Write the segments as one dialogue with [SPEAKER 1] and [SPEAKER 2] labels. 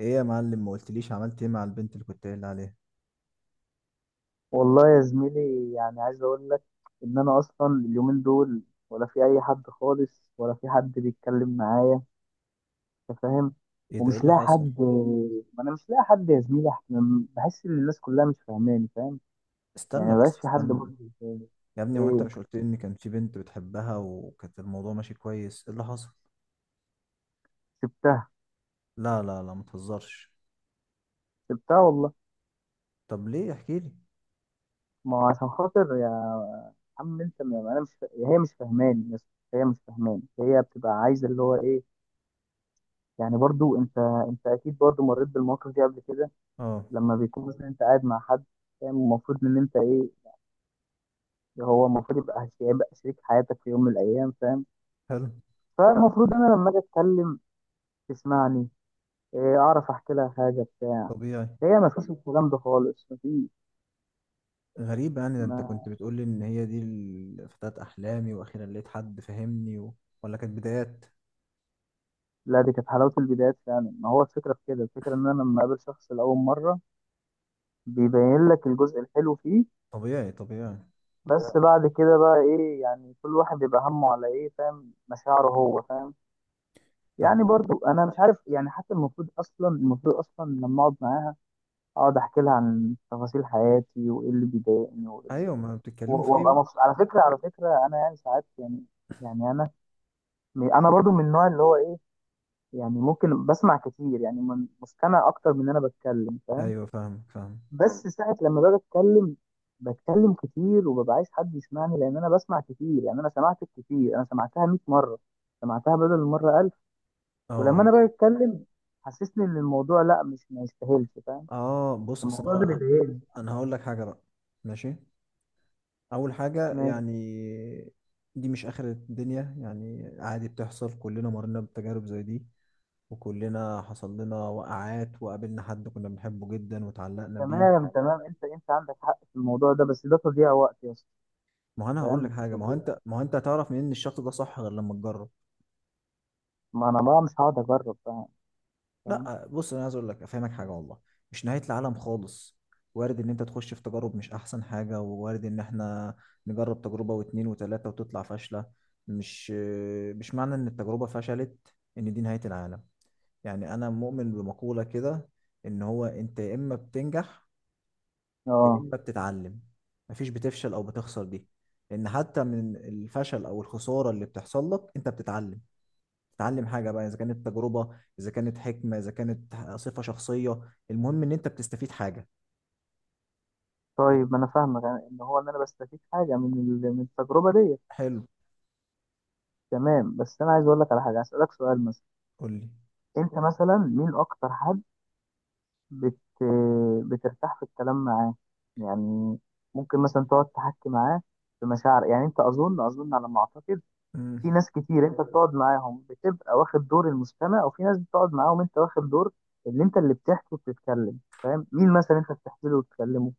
[SPEAKER 1] ايه يا معلم، ما قلتليش عملت ايه مع البنت اللي كنت قايل عليها؟
[SPEAKER 2] والله يا زميلي، يعني عايز اقول لك ان انا اصلا اليومين دول ولا في اي حد خالص، ولا في حد بيتكلم معايا، انت فاهم.
[SPEAKER 1] ايه ده؟ ايه
[SPEAKER 2] ومش
[SPEAKER 1] اللي
[SPEAKER 2] لاقي
[SPEAKER 1] حصل؟
[SPEAKER 2] حد، ما انا مش لاقي حد يا زميلي. بحس ان الناس كلها مش فاهماني، فاهم؟ يعني
[SPEAKER 1] استنى بس
[SPEAKER 2] مبقاش في حد
[SPEAKER 1] استنى.
[SPEAKER 2] برضه بيفهمني.
[SPEAKER 1] يا ابني، هو انت
[SPEAKER 2] ايه؟
[SPEAKER 1] مش قلت لي ان كان في بنت بتحبها وكانت الموضوع ماشي كويس؟ ايه اللي حصل؟
[SPEAKER 2] سبتها.
[SPEAKER 1] لا لا لا، ما تهزرش.
[SPEAKER 2] سبتها والله.
[SPEAKER 1] طب ليه؟ احكي لي.
[SPEAKER 2] ما هو عشان خاطر يا عم انت، ما انا مش فا... هي مش فاهماني يا اسطى. هي مش فاهماني، هي بتبقى عايزه اللي هو ايه، يعني. برضو انت، انت اكيد برضو مريت بالمواقف دي قبل كده.
[SPEAKER 1] اه.
[SPEAKER 2] لما بيكون مثلا انت قاعد مع حد، فاهم؟ المفروض ان انت ايه، هو المفروض يبقى، هيبقى شريك حياتك في يوم من الايام، فاهم؟
[SPEAKER 1] حلو.
[SPEAKER 2] فالمفروض انا لما اجي اتكلم تسمعني، إيه، اعرف احكي لها حاجه بتاع.
[SPEAKER 1] طبيعي.
[SPEAKER 2] هي ما فيش الكلام ده خالص، ما فيش.
[SPEAKER 1] غريب يعني، ده انت كنت
[SPEAKER 2] ما
[SPEAKER 1] بتقول لي ان هي دي فتاة احلامي، واخيرا لقيت حد فهمني ولا كانت بدايات؟
[SPEAKER 2] لا، دي كانت حلاوه البدايات فعلا. ما هو الفكره في كده، الفكره ان انا لما اقابل شخص لاول مره بيبين لك الجزء الحلو فيه.
[SPEAKER 1] طبيعي، طبيعي.
[SPEAKER 2] بس بعد كده بقى ايه، يعني كل واحد بيبقى همه على ايه، فاهم؟ مشاعره هو، فاهم؟
[SPEAKER 1] طب.
[SPEAKER 2] يعني برضو انا مش عارف، يعني حتى المفروض اصلا، المفروض اصلا لما اقعد معاها اقعد احكي لها عن تفاصيل حياتي وايه اللي بيضايقني وايه اللي
[SPEAKER 1] ايوه، ما بتتكلموا في ايه
[SPEAKER 2] وابقى
[SPEAKER 1] بقى؟
[SPEAKER 2] مبسوط. على فكره، على فكره انا يعني ساعات، يعني، يعني انا برضو من النوع اللي هو ايه، يعني ممكن بسمع كتير، يعني مستمع اكتر من إن انا بتكلم، فاهم؟
[SPEAKER 1] ايوه، فاهمك، فاهم.
[SPEAKER 2] بس ساعه لما باجي اتكلم، بتكلم كتير وببقى عايز حد يسمعني، لان انا بسمع كتير. يعني انا سمعتك كتير، انا سمعتها 100 مره، سمعتها بدل المره. ولما
[SPEAKER 1] اه.
[SPEAKER 2] انا باجي اتكلم حسسني ان الموضوع لا، مش، ما يستاهلش، فاهم؟
[SPEAKER 1] اه، بص،
[SPEAKER 2] الموضوع
[SPEAKER 1] اصل
[SPEAKER 2] ده
[SPEAKER 1] انا
[SPEAKER 2] بيضايقني.
[SPEAKER 1] انا هقول لك حاجه بقى. ماشي. اول حاجه
[SPEAKER 2] ماشي.
[SPEAKER 1] يعني، دي مش اخر الدنيا يعني، عادي بتحصل، كلنا مرينا بتجارب زي دي. وكلنا حصل لنا وقعات، وقابلنا حد كنا بنحبه جدا وتعلقنا بيه.
[SPEAKER 2] تمام، تمام، انت انت عندك حق في الموضوع ده، بس ده تضييع وقت يا اسطى.
[SPEAKER 1] ما هو انا هقول لك
[SPEAKER 2] فاهم؟
[SPEAKER 1] حاجه، ما هو
[SPEAKER 2] تضييع.
[SPEAKER 1] انت ما هو انت هتعرف منين ان الشخص ده صح غير لما تجرب؟
[SPEAKER 2] ما انا بقى مش هقعد اجرب، فاهم؟ فاهم؟
[SPEAKER 1] لا بص، انا عايز اقول لك، افهمك حاجه والله، مش نهايه العالم خالص. وارد ان انت تخش في تجارب مش احسن حاجه، ووارد ان احنا نجرب تجربه واتنين وتلاته وتطلع فاشله. مش مش معنى ان التجربه فشلت ان دي نهايه العالم. يعني انا مؤمن بمقوله كده، ان هو انت يا اما بتنجح، يا
[SPEAKER 2] اه.
[SPEAKER 1] اما بتتعلم، مفيش بتفشل او بتخسر دي. لان حتى من الفشل او الخساره اللي بتحصل لك انت بتتعلم. تتعلم حاجة بقى، إذا كانت تجربة، إذا كانت حكمة، إذا كانت صفة شخصية. المهم إن أنت بتستفيد حاجة.
[SPEAKER 2] طيب، ما انا فاهمك، يعني ان هو ان انا بستفيد حاجه من من التجربه ديت.
[SPEAKER 1] حلو.
[SPEAKER 2] تمام. بس انا عايز اقول لك على حاجه، اسالك سؤال مثلا،
[SPEAKER 1] قول لي.
[SPEAKER 2] انت مثلا مين اكتر حد بت... بترتاح في الكلام معاه، يعني؟ ممكن مثلا تقعد تحكي معاه في مشاعر، يعني. انت اظن على ما اعتقد في
[SPEAKER 1] مم.
[SPEAKER 2] ناس كتير انت بتقعد معاهم بتبقى واخد دور المستمع، وفي ناس بتقعد معاهم انت واخد دور اللي انت اللي بتحكي وبتتكلم، فاهم؟ مين مثلا انت بتحكي له وتتكلمه؟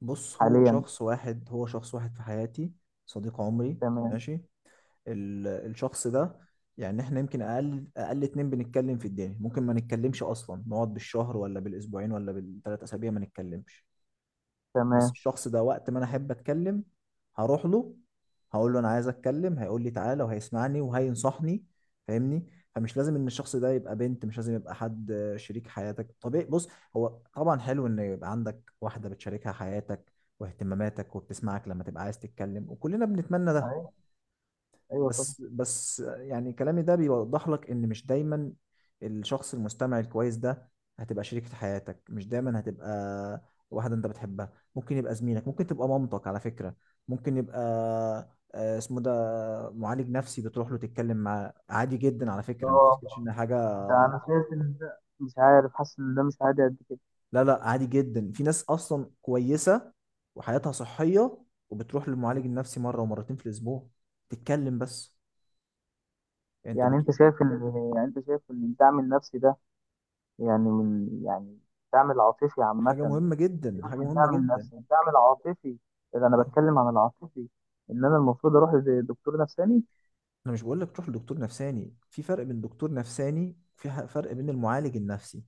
[SPEAKER 1] بص، هو
[SPEAKER 2] حاليا.
[SPEAKER 1] شخص واحد، هو شخص واحد في حياتي، صديق عمري.
[SPEAKER 2] تمام.
[SPEAKER 1] ماشي. الشخص ده، يعني إحنا يمكن أقل أقل اتنين بنتكلم في الدنيا، ممكن ما نتكلمش أصلا، نقعد بالشهر ولا بالأسبوعين ولا بالتلات أسابيع ما نتكلمش. بس
[SPEAKER 2] تمام.
[SPEAKER 1] الشخص ده، وقت ما انا احب اتكلم هروح له، هقول له انا عايز اتكلم، هيقول لي تعالى، وهيسمعني وهينصحني. فاهمني. فمش لازم ان الشخص ده يبقى بنت، مش لازم يبقى حد، شريك حياتك طبيعي. بص، هو طبعا حلو ان يبقى عندك واحدة بتشاركها حياتك واهتماماتك، وبتسمعك لما تبقى عايز تتكلم، وكلنا بنتمنى ده.
[SPEAKER 2] ايوه، ايوه، طبعا.
[SPEAKER 1] بس يعني، كلامي ده بيوضح لك ان مش دايما الشخص المستمع الكويس ده هتبقى شريكة حياتك، مش دايما هتبقى واحدة انت بتحبها. ممكن يبقى زميلك، ممكن تبقى مامتك على فكرة. ممكن يبقى، اسمه ده، معالج نفسي، بتروح له تتكلم معاه عادي جدا على فكرة. ما
[SPEAKER 2] اه،
[SPEAKER 1] تفتكرش ان حاجة،
[SPEAKER 2] ده انا شايف ان ده، مش عارف، حاسس ان ده مش عادي قد كده.
[SPEAKER 1] لا لا، عادي جدا. في ناس اصلا كويسة وحياتها صحية وبتروح للمعالج النفسي مرة ومرتين في الاسبوع تتكلم بس. انت
[SPEAKER 2] يعني انت
[SPEAKER 1] بتروح.
[SPEAKER 2] شايف ان يعني انت شايف ان الدعم النفسي ده، يعني، من، يعني الدعم العاطفي عامة.
[SPEAKER 1] حاجة مهمة جدا،
[SPEAKER 2] سيبك
[SPEAKER 1] حاجة
[SPEAKER 2] من
[SPEAKER 1] مهمة
[SPEAKER 2] الدعم
[SPEAKER 1] جدا.
[SPEAKER 2] النفسي، الدعم العاطفي، إذا أنا
[SPEAKER 1] اه.
[SPEAKER 2] بتكلم عن العاطفي، إن أنا المفروض أروح لدكتور نفساني.
[SPEAKER 1] انا مش بقول لك تروح لدكتور نفساني، في فرق بين دكتور نفساني، في فرق بين المعالج النفسي،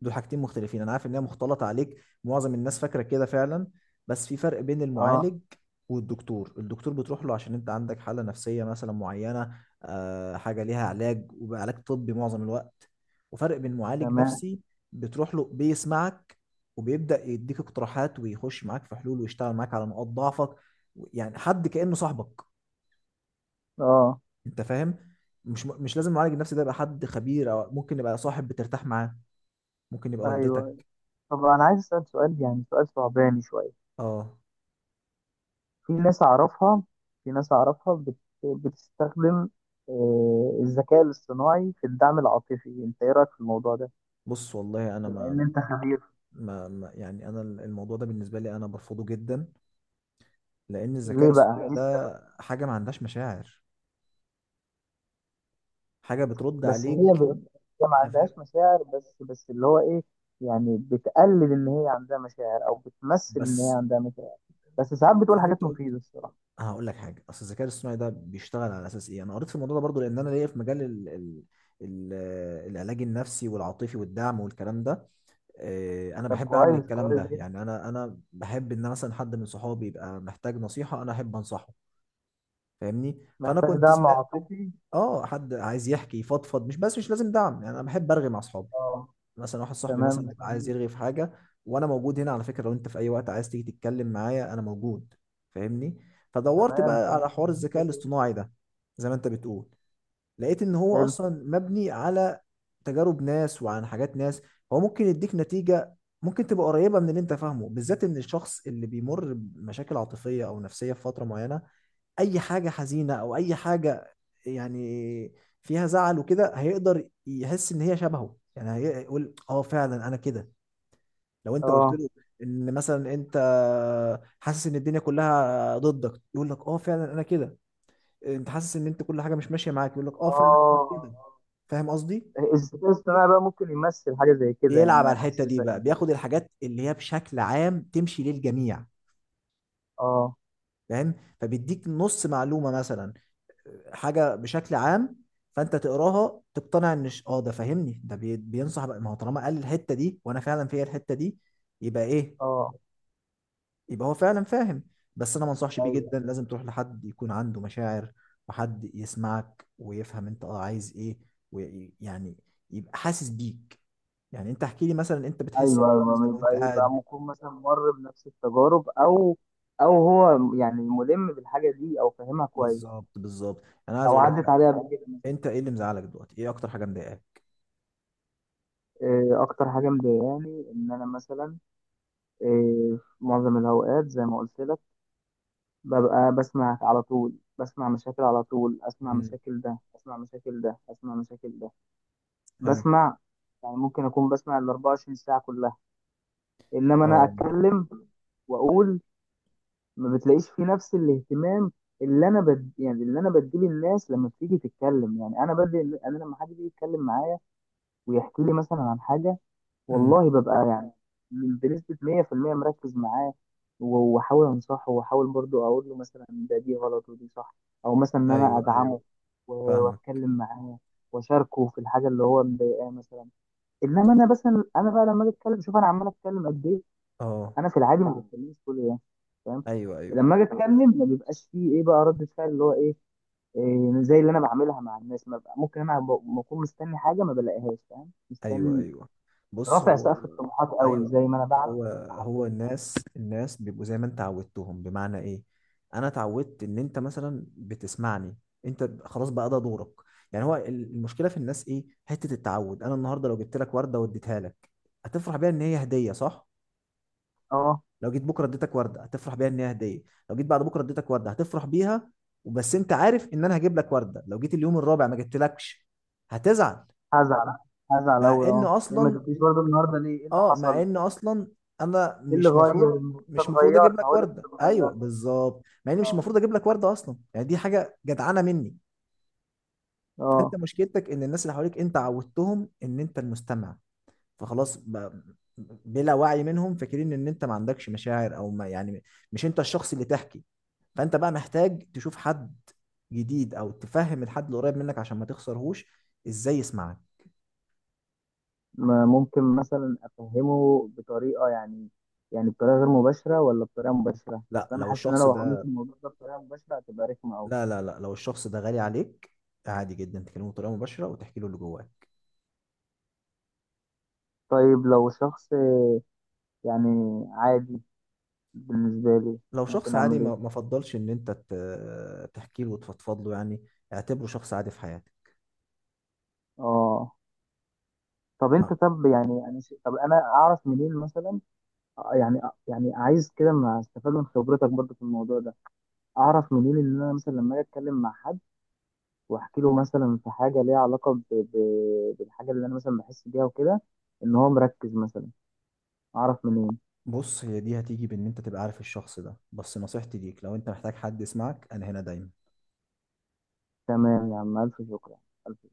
[SPEAKER 1] دول حاجتين مختلفين، انا عارف ان هي مختلطه عليك. معظم الناس فاكره كده فعلا. بس في فرق بين
[SPEAKER 2] أه.
[SPEAKER 1] المعالج والدكتور. الدكتور بتروح له عشان انت عندك حاله نفسيه مثلا معينه، حاجه ليها علاج، وعلاج طبي معظم الوقت. وفرق بين معالج
[SPEAKER 2] تمام.
[SPEAKER 1] نفسي بتروح له، بيسمعك وبيبدا يديك اقتراحات ويخش معاك في حلول ويشتغل معاك على نقاط ضعفك، يعني حد كانه صاحبك.
[SPEAKER 2] أه.
[SPEAKER 1] انت فاهم. مش لازم المعالج النفسي ده يبقى حد خبير، او ممكن يبقى صاحب بترتاح معاه، ممكن يبقى والدتك.
[SPEAKER 2] أيوه. طب أنا عايز أسأل سؤال، يعني سؤال صعباني شوية.
[SPEAKER 1] اه.
[SPEAKER 2] في ناس أعرفها، في ناس أعرفها بتستخدم الذكاء الاصطناعي في الدعم العاطفي. أنت إيه رأيك في الموضوع ده؟
[SPEAKER 1] بص والله، انا
[SPEAKER 2] بما إن أنت خبير.
[SPEAKER 1] يعني انا الموضوع ده بالنسبه لي، انا برفضه جدا، لان الذكاء
[SPEAKER 2] ليه بقى؟
[SPEAKER 1] الاصطناعي ده حاجه ما عندهاش مشاعر، حاجه بترد
[SPEAKER 2] بس
[SPEAKER 1] عليك.
[SPEAKER 2] هي هي ما
[SPEAKER 1] انا فاهم.
[SPEAKER 2] عندهاش مشاعر، بس اللي هو ايه، يعني بتقلد ان هي عندها مشاعر او بتمثل ان هي
[SPEAKER 1] بس
[SPEAKER 2] عندها مشاعر. بس ساعات
[SPEAKER 1] زي
[SPEAKER 2] بتقول
[SPEAKER 1] ما
[SPEAKER 2] حاجات
[SPEAKER 1] انت قلت،
[SPEAKER 2] مفيدة الصراحة.
[SPEAKER 1] انا هقول لك حاجه، اصل الذكاء الاصطناعي ده بيشتغل على اساس ايه. انا قريت في الموضوع ده برضو، لان انا ليا في مجال ال... العلاج النفسي والعاطفي والدعم والكلام ده. انا
[SPEAKER 2] طب
[SPEAKER 1] بحب اعمل
[SPEAKER 2] كويس،
[SPEAKER 1] الكلام
[SPEAKER 2] كويس
[SPEAKER 1] ده
[SPEAKER 2] جدا.
[SPEAKER 1] يعني، انا بحب ان مثلا حد من صحابي يبقى محتاج نصيحه، انا احب انصحه. فاهمني. فانا
[SPEAKER 2] محتاج
[SPEAKER 1] كنت
[SPEAKER 2] دعم
[SPEAKER 1] سم...
[SPEAKER 2] عاطفي.
[SPEAKER 1] اه حد عايز يحكي، يفضفض، مش بس، مش لازم دعم، يعني انا بحب ارغي مع اصحابي.
[SPEAKER 2] اه.
[SPEAKER 1] مثلا واحد صاحبي
[SPEAKER 2] تمام،
[SPEAKER 1] مثلا بيبقى عايز يرغي في حاجه، وانا موجود هنا على فكره، لو انت في اي وقت عايز تيجي تتكلم معايا انا موجود. فاهمني. فدورت
[SPEAKER 2] تمام،
[SPEAKER 1] بقى على
[SPEAKER 2] تمام.
[SPEAKER 1] حوار الذكاء الاصطناعي ده، زي ما انت بتقول، لقيت ان هو
[SPEAKER 2] حلو.
[SPEAKER 1] اصلا مبني على تجارب ناس وعن حاجات ناس. هو ممكن يديك نتيجة، ممكن تبقى قريبة من اللي انت فاهمه، بالذات ان الشخص اللي بيمر بمشاكل عاطفية او نفسية في فترة معينة، اي حاجة حزينة او اي حاجة يعني فيها زعل وكده، هيقدر يحس ان هي شبهه، يعني هيقول اه فعلا انا كده. لو انت قلت
[SPEAKER 2] اه.
[SPEAKER 1] له ان مثلا انت حاسس ان الدنيا كلها ضدك يقول لك اه فعلا انا كده. انت حاسس ان انت كل حاجه مش ماشيه معاك يقول لك اه فعلا أنا
[SPEAKER 2] اه.
[SPEAKER 1] كده. فاهم قصدي.
[SPEAKER 2] الذكاء الاصطناعي بقى ممكن يمثل حاجة زي كده، يعني
[SPEAKER 1] بيلعب
[SPEAKER 2] ما
[SPEAKER 1] على الحته
[SPEAKER 2] يحسسك،
[SPEAKER 1] دي بقى،
[SPEAKER 2] يعني.
[SPEAKER 1] بياخد الحاجات اللي هي بشكل عام تمشي للجميع.
[SPEAKER 2] اه.
[SPEAKER 1] فاهم. فبيديك نص معلومه مثلا، حاجه بشكل عام، فانت تقراها تقتنع ان ده فاهمني، ده بينصح بقى، ما هو طالما قال الحته دي وانا فعلا فيا الحته دي، يبقى ايه؟
[SPEAKER 2] اه.
[SPEAKER 1] يبقى هو فعلا فاهم. بس انا ما انصحش بيه
[SPEAKER 2] ايوه.
[SPEAKER 1] جدا، لازم تروح لحد يكون عنده مشاعر، وحد يسمعك ويفهم انت عايز ايه، ويعني يبقى حاسس بيك. يعني انت احكي لي مثلا انت بتحس
[SPEAKER 2] ايوه.
[SPEAKER 1] بايه
[SPEAKER 2] ايوه، ما
[SPEAKER 1] مثلا وانت
[SPEAKER 2] يبقى، يبقى
[SPEAKER 1] قاعد.
[SPEAKER 2] ممكن مثلا مر بنفس التجارب، او هو يعني ملم بالحاجه دي او فاهمها كويس،
[SPEAKER 1] بالظبط، بالظبط. انا عايز
[SPEAKER 2] او
[SPEAKER 1] اقول لك
[SPEAKER 2] عدت
[SPEAKER 1] حاجه،
[SPEAKER 2] عليها قبل كده.
[SPEAKER 1] انت ايه اللي مزعلك دلوقتي؟ ايه اكتر حاجه مضايقاك؟
[SPEAKER 2] آه، اكتر حاجه مضايقاني ان انا مثلا، آه، في معظم الاوقات زي ما قلت لك ببقى بسمع على طول، بسمع مشاكل على طول، اسمع
[SPEAKER 1] امم.
[SPEAKER 2] مشاكل ده، اسمع مشاكل ده، اسمع مشاكل ده،
[SPEAKER 1] حلو.
[SPEAKER 2] بسمع. يعني ممكن اكون بسمع ال 24 ساعه كلها، انما انا
[SPEAKER 1] اه.
[SPEAKER 2] اتكلم واقول ما بتلاقيش فيه نفس الاهتمام اللي يعني اللي انا بديه للناس لما بتيجي تتكلم. يعني انا بدي، انا لما حد بيجي يتكلم معايا ويحكي لي مثلا عن حاجه
[SPEAKER 1] امم.
[SPEAKER 2] والله ببقى يعني بنسبه 100% مركز معاه، واحاول انصحه، واحاول برضو اقول له مثلا ده، دي غلط ودي صح، او مثلا ان انا
[SPEAKER 1] ايوه، ايوه،
[SPEAKER 2] ادعمه و-
[SPEAKER 1] فاهمك.
[SPEAKER 2] واتكلم معاه واشاركه في الحاجه اللي هو مضايقاه مثلا. انما
[SPEAKER 1] ط-
[SPEAKER 2] انا مثلا، انا بقى لما اجي اتكلم، شوف انا عمال اتكلم قد ايه.
[SPEAKER 1] اه.
[SPEAKER 2] انا في العادي ما بتكلمش كل ده، فاهم؟
[SPEAKER 1] ايوه، ايوه.
[SPEAKER 2] لما اجي اتكلم ما بيبقاش فيه ايه بقى، رد فعل اللي هو ايه، إيه، زي اللي انا بعملها مع الناس، ما بقى ممكن انا بكون مستني حاجه ما بلاقيهاش، فاهم؟
[SPEAKER 1] ايوه،
[SPEAKER 2] مستني،
[SPEAKER 1] ايوه. بص.
[SPEAKER 2] رافع
[SPEAKER 1] هو،
[SPEAKER 2] سقف الطموحات قوي
[SPEAKER 1] ايوه،
[SPEAKER 2] زي ما انا بعمل
[SPEAKER 1] هو،
[SPEAKER 2] حد،
[SPEAKER 1] هو
[SPEAKER 2] يعني.
[SPEAKER 1] الناس بيبقوا زي ما انت عودتهم. بمعنى ايه؟ انا اتعودت ان انت مثلا بتسمعني، انت خلاص بقى ده دورك. يعني هو المشكله في الناس ايه؟ حته التعود. انا النهارده لو جبت لك ورده واديتها لك هتفرح بيها ان هي هديه، صح؟
[SPEAKER 2] اه.
[SPEAKER 1] لو جيت بكره اديتك ورده هتفرح بيها ان هي هديه. لو جيت بعد بكره اديتك ورده هتفرح بيها وبس، انت عارف ان انا هجيب لك ورده. لو جيت اليوم الرابع ما جبتلكش هتزعل.
[SPEAKER 2] هزعل، هزعل
[SPEAKER 1] مع
[SPEAKER 2] قوي.
[SPEAKER 1] ان
[SPEAKER 2] اه، ليه ما
[SPEAKER 1] اصلا،
[SPEAKER 2] جبتيش برضه النهارده، ليه، ايه اللي
[SPEAKER 1] اه مع
[SPEAKER 2] حصل؟
[SPEAKER 1] ان اصلا انا
[SPEAKER 2] ايه اللي
[SPEAKER 1] مش
[SPEAKER 2] غير؟
[SPEAKER 1] مفروض،
[SPEAKER 2] انت
[SPEAKER 1] مش مفروض اجيب
[SPEAKER 2] اتغيرت،
[SPEAKER 1] لك
[SPEAKER 2] هقول لك انت
[SPEAKER 1] ورده. ايوه،
[SPEAKER 2] اتغيرت.
[SPEAKER 1] بالظبط. مع ان
[SPEAKER 2] اه.
[SPEAKER 1] مش المفروض اجيب لك ورده اصلا، يعني دي حاجه جدعانه مني. فانت
[SPEAKER 2] آه.
[SPEAKER 1] مشكلتك ان الناس اللي حواليك انت عودتهم ان انت المستمع، فخلاص بلا وعي منهم فاكرين ان انت ما عندكش مشاعر، او ما يعني، مش انت الشخص اللي تحكي. فانت بقى محتاج تشوف حد جديد، او تفهم الحد اللي قريب منك عشان ما تخسرهوش ازاي يسمعك.
[SPEAKER 2] ما ممكن مثلا افهمه بطريقه، يعني، يعني بطريقه غير مباشره ولا بطريقه مباشره؟
[SPEAKER 1] لا
[SPEAKER 2] اصلا انا
[SPEAKER 1] لو
[SPEAKER 2] حاسس ان انا
[SPEAKER 1] الشخص
[SPEAKER 2] لو
[SPEAKER 1] ده
[SPEAKER 2] عملت الموضوع ده بطريقه مباشره هتبقى رخمه قوي.
[SPEAKER 1] لا لا لا، لو الشخص ده غالي عليك، عادي جدا تكلمه بطريقه مباشره وتحكي له اللي جواك.
[SPEAKER 2] طيب لو شخص، يعني، عادي بالنسبه لي،
[SPEAKER 1] لو شخص
[SPEAKER 2] ممكن
[SPEAKER 1] عادي،
[SPEAKER 2] اعمل
[SPEAKER 1] ما
[SPEAKER 2] ايه؟
[SPEAKER 1] فضلش ان انت تحكي له وتفضفض له يعني، اعتبره شخص عادي في حياتك.
[SPEAKER 2] اه. طب
[SPEAKER 1] آه،
[SPEAKER 2] انت، طب يعني انا طب انا اعرف منين مثلا يعني، يعني عايز كده ما استفاد من خبرتك برضه في الموضوع ده. اعرف منين ان انا مثلا لما اجي اتكلم مع حد واحكي له مثلا في حاجه ليها علاقه بالحاجه اللي انا مثلا بحس بيها وكده، ان هو مركز مثلا. اعرف منين؟
[SPEAKER 1] بص، هي دي هتيجي بان انت تبقى عارف الشخص ده، بس نصيحتي ليك، لو انت محتاج حد يسمعك انا هنا دايما.
[SPEAKER 2] تمام يا عم، الف شكر يا عم. الف.